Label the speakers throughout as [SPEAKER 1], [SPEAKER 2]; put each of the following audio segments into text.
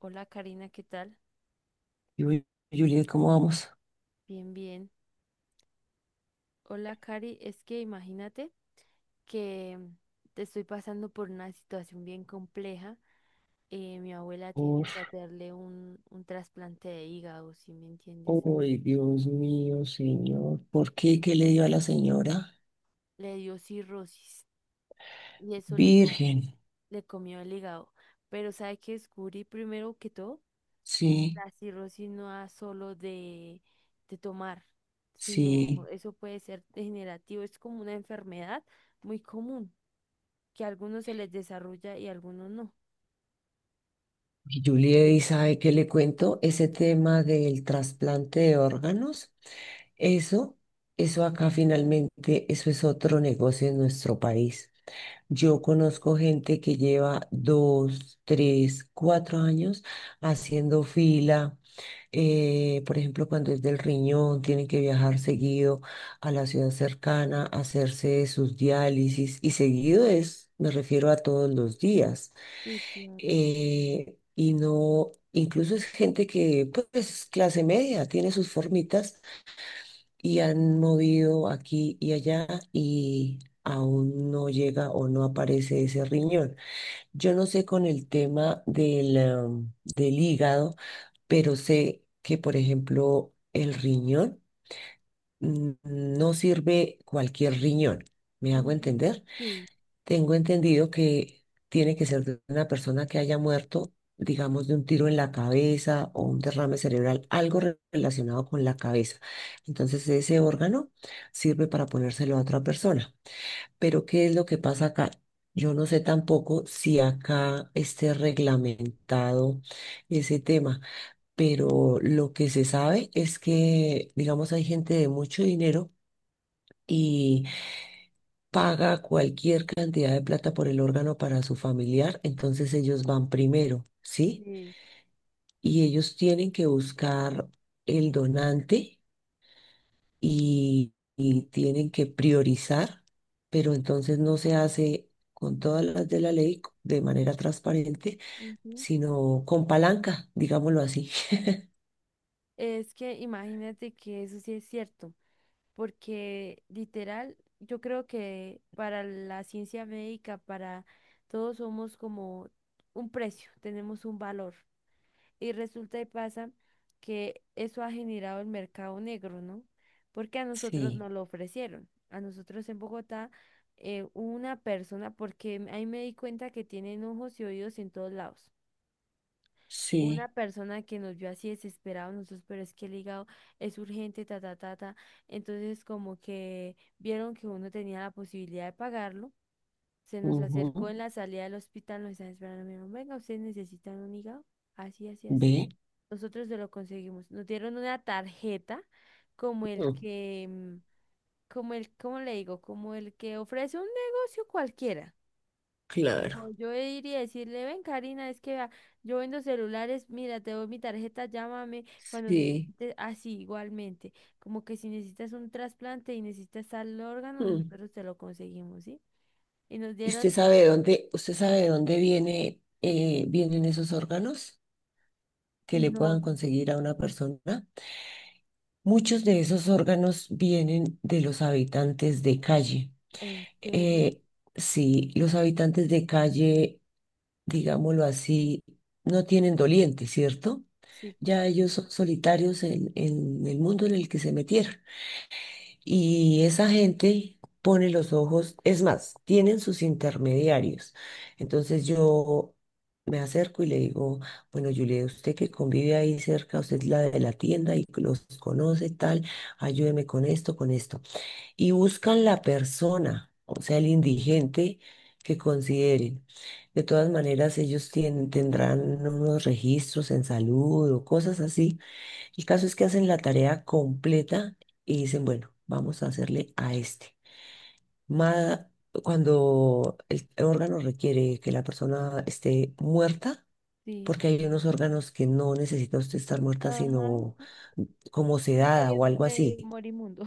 [SPEAKER 1] Hola Karina, ¿qué tal?
[SPEAKER 2] Y hoy, Juliet, ¿cómo vamos?
[SPEAKER 1] Bien, bien. Hola Cari, es que imagínate que te estoy pasando por una situación bien compleja. Mi abuela tiene
[SPEAKER 2] Por,
[SPEAKER 1] que hacerle un trasplante de hígado, si me entiendes.
[SPEAKER 2] hoy, Dios mío, Señor, ¿por qué? ¿Qué le dio a la señora?
[SPEAKER 1] Le dio cirrosis y
[SPEAKER 2] Virgen,
[SPEAKER 1] le comió el hígado. Pero ¿sabe qué descubrí primero que todo?
[SPEAKER 2] sí,
[SPEAKER 1] La cirrosis no es solo de tomar, sino
[SPEAKER 2] sí.
[SPEAKER 1] eso puede ser degenerativo. Es como una enfermedad muy común, que a algunos se les desarrolla y a algunos no.
[SPEAKER 2] Y Juliet, ¿y sabe qué le cuento? Ese tema del trasplante de órganos, eso, eso acá finalmente, eso es otro negocio en nuestro país.
[SPEAKER 1] Sí,
[SPEAKER 2] Yo conozco gente que lleva dos, tres, cuatro años haciendo fila. Por ejemplo, cuando es del riñón, tienen que viajar seguido a la ciudad cercana, hacerse sus diálisis y seguido es, me refiero a todos los días.
[SPEAKER 1] sí, claro.
[SPEAKER 2] Y no, incluso es gente que pues es clase media, tiene sus formitas y han movido aquí y allá y aún no llega o no aparece ese riñón. Yo no sé con el tema del, del hígado, pero sé que, por ejemplo, el riñón mm, no sirve cualquier riñón. ¿Me hago
[SPEAKER 1] Ujú.
[SPEAKER 2] entender?
[SPEAKER 1] Sí,
[SPEAKER 2] Tengo entendido que tiene que ser de una persona que haya muerto, digamos, de un tiro en la cabeza o un derrame cerebral, algo relacionado con la cabeza. Entonces, ese órgano sirve para ponérselo a otra persona. Pero, ¿qué es lo que pasa acá? Yo no sé tampoco si acá esté reglamentado ese tema, pero lo que se sabe es que, digamos, hay gente de mucho dinero. Y paga cualquier cantidad de plata por el órgano para su familiar, entonces ellos van primero, ¿sí?
[SPEAKER 1] sí.
[SPEAKER 2] Y ellos tienen que buscar el donante y tienen que priorizar, pero entonces no se hace con todas las de la ley de manera transparente,
[SPEAKER 1] Ujú.
[SPEAKER 2] sino con palanca, digámoslo así.
[SPEAKER 1] Es que imagínate que eso sí es cierto, porque literal, yo creo que para la ciencia médica, para todos somos como un precio, tenemos un valor. Y resulta y pasa que eso ha generado el mercado negro, ¿no? Porque a nosotros
[SPEAKER 2] Sí,
[SPEAKER 1] nos lo ofrecieron. A nosotros en Bogotá, una persona, porque ahí me di cuenta que tienen ojos y oídos en todos lados. Una
[SPEAKER 2] sí,
[SPEAKER 1] persona que nos vio así desesperados nosotros, pero es que el hígado es urgente, ta, ta, ta, ta. Entonces, como que vieron que uno tenía la posibilidad de pagarlo, se nos acercó
[SPEAKER 2] ujú,
[SPEAKER 1] en la salida del hospital, nos estaban esperando, me dijeron, venga, ustedes necesitan un hígado, así, así, así.
[SPEAKER 2] ve,
[SPEAKER 1] Nosotros no lo conseguimos. Nos dieron una tarjeta como el
[SPEAKER 2] mm,
[SPEAKER 1] que, mm, como el, ¿cómo le digo? Como el que ofrece un negocio cualquiera. O
[SPEAKER 2] claro,
[SPEAKER 1] yo iría a decirle, ven Karina, es que vea, yo vendo celulares, mira, te doy mi tarjeta, llámame cuando
[SPEAKER 2] sí.
[SPEAKER 1] necesites, así igualmente. Como que si necesitas un trasplante y necesitas tal órgano,
[SPEAKER 2] Mm.
[SPEAKER 1] nosotros te lo conseguimos, ¿sí? Y nos
[SPEAKER 2] ¿Y usted
[SPEAKER 1] dieron,
[SPEAKER 2] sabe de dónde, usted sabe de dónde viene, vienen esos órganos que le puedan
[SPEAKER 1] no,
[SPEAKER 2] conseguir a una persona? Muchos de esos órganos vienen de los habitantes de calle.
[SPEAKER 1] ¿en serio?
[SPEAKER 2] Eh, sí, los habitantes de calle, digámoslo así, no tienen doliente, ¿cierto?
[SPEAKER 1] Sí,
[SPEAKER 2] Ya
[SPEAKER 1] claro.
[SPEAKER 2] ellos son solitarios en el mundo en el que se metieron. Y esa gente pone los ojos, es más, tienen sus intermediarios. Entonces yo me acerco y le digo, bueno, Julia, usted que convive ahí cerca, usted es la de la tienda y los conoce tal, ayúdeme con esto, con esto. Y buscan la persona, o sea, el
[SPEAKER 1] Sí.
[SPEAKER 2] indigente que consideren. De todas maneras, ellos tienen, tendrán unos registros en salud o cosas así. El caso es que hacen la tarea completa y dicen, bueno, vamos a hacerle a este. Ma- Cuando el órgano requiere que la persona esté muerta,
[SPEAKER 1] Sí.
[SPEAKER 2] porque hay unos órganos que no necesita usted estar muerta,
[SPEAKER 1] Ajá.
[SPEAKER 2] sino como sedada
[SPEAKER 1] Medio,
[SPEAKER 2] o algo
[SPEAKER 1] medio
[SPEAKER 2] así.
[SPEAKER 1] morimundo.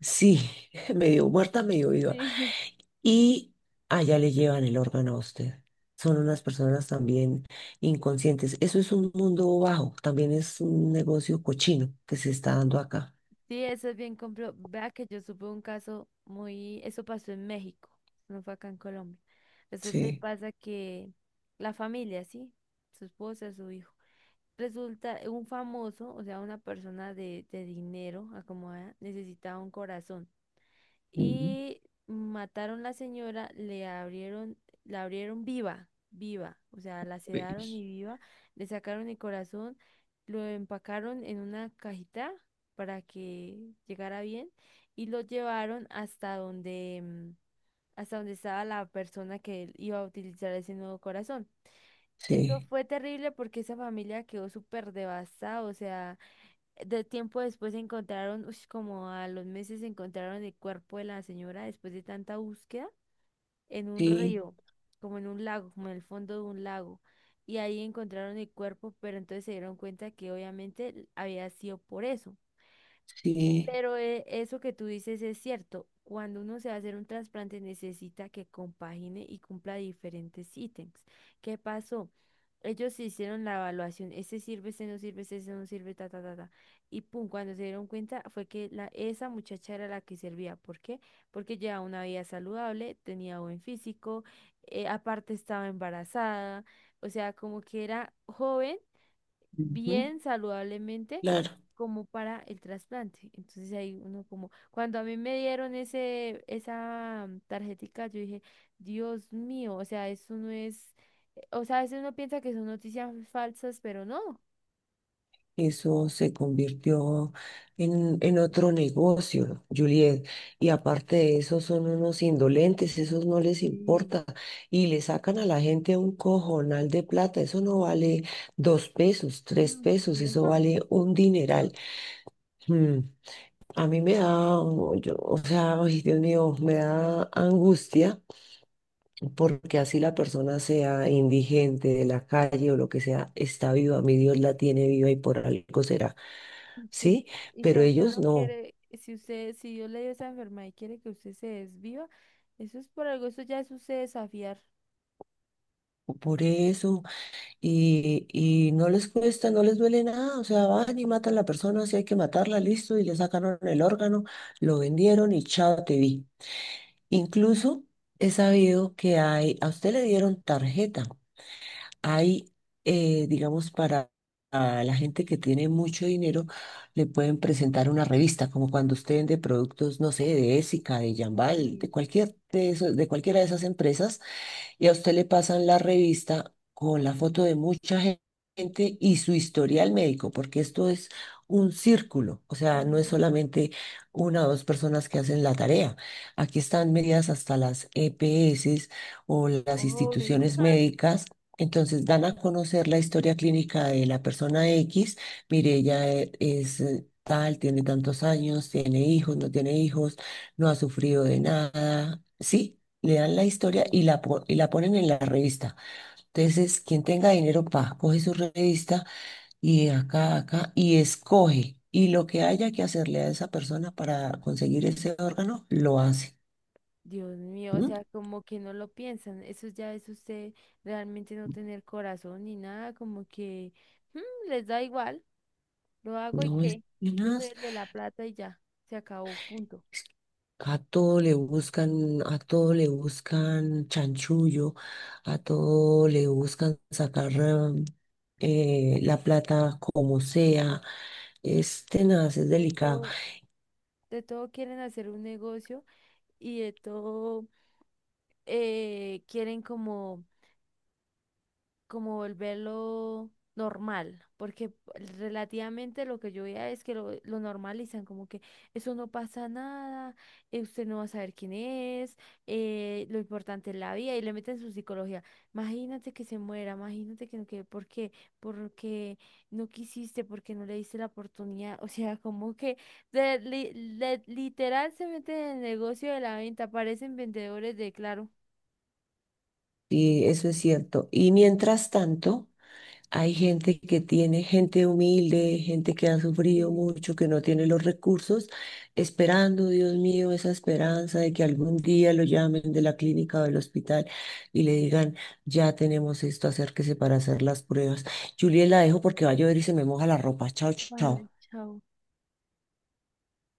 [SPEAKER 2] Sí, medio muerta, medio viva.
[SPEAKER 1] Sí.
[SPEAKER 2] Y allá le llevan el órgano a usted. Son unas personas también inconscientes. Eso es un mundo bajo, también es un negocio cochino que se está dando acá.
[SPEAKER 1] Sí, eso es bien compro. Vea que yo supe un caso muy, eso pasó en México, no fue acá en Colombia. Resulta y
[SPEAKER 2] Sí,
[SPEAKER 1] pasa que la familia, sí, su esposa, su hijo, resulta un famoso, o sea, una persona de dinero acomodada, necesitaba un corazón,
[SPEAKER 2] mm,
[SPEAKER 1] y mataron la señora, le abrieron, la abrieron viva, viva, o sea, la sedaron y
[SPEAKER 2] pues,
[SPEAKER 1] viva, le sacaron el corazón, lo empacaron en una cajita para que llegara bien y lo llevaron hasta hasta donde estaba la persona que iba a utilizar ese nuevo corazón. Eso
[SPEAKER 2] sí,
[SPEAKER 1] fue terrible porque esa familia quedó súper devastada, o sea, de tiempo después encontraron, ush, como a los meses encontraron el cuerpo de la señora después de tanta búsqueda en un
[SPEAKER 2] sí,
[SPEAKER 1] río, como en un lago, como en el fondo de un lago. Y ahí encontraron el cuerpo, pero entonces se dieron cuenta que obviamente había sido por eso.
[SPEAKER 2] sí.
[SPEAKER 1] Pero eso que tú dices es cierto. Cuando uno se va a hacer un trasplante necesita que compagine y cumpla diferentes ítems. ¿Qué pasó? Ellos se hicieron la evaluación. Ese sirve, ese no sirve, ese no sirve, ta, ta, ta, ta. Y pum, cuando se dieron cuenta fue que esa muchacha era la que servía. ¿Por qué? Porque llevaba una vida saludable, tenía buen físico, aparte estaba embarazada, o sea, como que era joven
[SPEAKER 2] Ujú.
[SPEAKER 1] bien saludablemente
[SPEAKER 2] Claro,
[SPEAKER 1] como para el trasplante. Entonces ahí uno como, cuando a mí me dieron tarjetica, yo dije, Dios mío, o sea, eso no es, o sea, a veces uno piensa que son noticias falsas, pero no.
[SPEAKER 2] eso se convirtió en otro negocio, Juliet. Y aparte de eso, son unos indolentes, esos no les
[SPEAKER 1] Sí.
[SPEAKER 2] importa. Y le sacan a la gente un cojonal de plata. Eso no vale dos pesos, tres
[SPEAKER 1] Ah,
[SPEAKER 2] pesos,
[SPEAKER 1] sí,
[SPEAKER 2] eso
[SPEAKER 1] ujú,
[SPEAKER 2] vale un
[SPEAKER 1] Dios.
[SPEAKER 2] dineral. Mm, a mí me da, o sea, ay, Dios mío, me da angustia porque así la persona sea indigente de la calle o lo que sea, está viva, mi Dios la tiene viva y por algo será,
[SPEAKER 1] Sí.
[SPEAKER 2] ¿sí?
[SPEAKER 1] Y si
[SPEAKER 2] Pero
[SPEAKER 1] a usted
[SPEAKER 2] ellos
[SPEAKER 1] lo
[SPEAKER 2] no.
[SPEAKER 1] quiere, si usted, si Dios le dio esa enfermedad y quiere que usted se desviva, eso es por algo, eso ya es usted desafiar.
[SPEAKER 2] Por eso, y no les cuesta, no les duele nada, o sea, van y matan a la persona, si hay que matarla, listo, y le sacaron el órgano, lo vendieron y chao, te vi. Incluso he sabido que hay, a usted le dieron tarjeta, hay, digamos, para a la gente que tiene mucho dinero, le pueden presentar una revista, como cuando usted vende productos, no sé, de Ésica, de Jambal, de
[SPEAKER 1] Sí.
[SPEAKER 2] cualquier de cualquiera de esas empresas, y a usted le pasan la revista con la foto de mucha gente y su historial médico, porque esto es un círculo, o
[SPEAKER 1] Ajá.
[SPEAKER 2] sea, no es solamente una o dos personas que hacen la tarea. Aquí están medidas hasta las EPS o las
[SPEAKER 1] Obvio.
[SPEAKER 2] instituciones
[SPEAKER 1] Ah,
[SPEAKER 2] médicas. Entonces dan a conocer la historia clínica de la persona X. Mire, ella es tal, tiene tantos años, tiene hijos, no ha sufrido de nada. Sí, le dan la historia y
[SPEAKER 1] sí.
[SPEAKER 2] la, y la ponen en la revista. Entonces, quien tenga dinero, pa, coge su revista y de acá, a acá, y escoge. Y lo que haya que hacerle a esa persona para conseguir ese órgano, lo hace.
[SPEAKER 1] Dios mío, o
[SPEAKER 2] ¿Mm?
[SPEAKER 1] sea, como que no lo piensan, eso ya es usted realmente no tener corazón ni nada, como que "Mm, les da igual, lo hago y
[SPEAKER 2] No es
[SPEAKER 1] qué, yo soy
[SPEAKER 2] tenaz.
[SPEAKER 1] el de la plata y ya, se acabó, punto".
[SPEAKER 2] A todo le buscan, a todo le buscan chanchullo, a todo le buscan sacar la plata como sea. Es tenaz, es
[SPEAKER 1] De
[SPEAKER 2] delicado.
[SPEAKER 1] todo, de todo quieren hacer un negocio y de todo quieren como como volverlo normal, porque relativamente lo que yo veía es que lo normalizan, como que eso no pasa nada, usted no va a saber quién es, lo importante es la vida y le meten su psicología. Imagínate que se muera, imagínate que no quede, ¿por qué? Porque no quisiste, porque no le diste la oportunidad, o sea, como que de- li- literal se meten en el negocio de la venta, parecen vendedores de Claro.
[SPEAKER 2] Sí, eso es cierto. Y mientras tanto, hay gente que tiene, gente humilde, gente que ha sufrido
[SPEAKER 1] Sí.
[SPEAKER 2] mucho, que no tiene los recursos, esperando, Dios mío, esa esperanza de que algún día lo llamen de la clínica o del hospital y le digan, ya tenemos esto, acérquese para hacer las pruebas. Juliet, la dejo porque va a llover y se me moja la ropa. Chao,
[SPEAKER 1] Vale,
[SPEAKER 2] chao.
[SPEAKER 1] chao.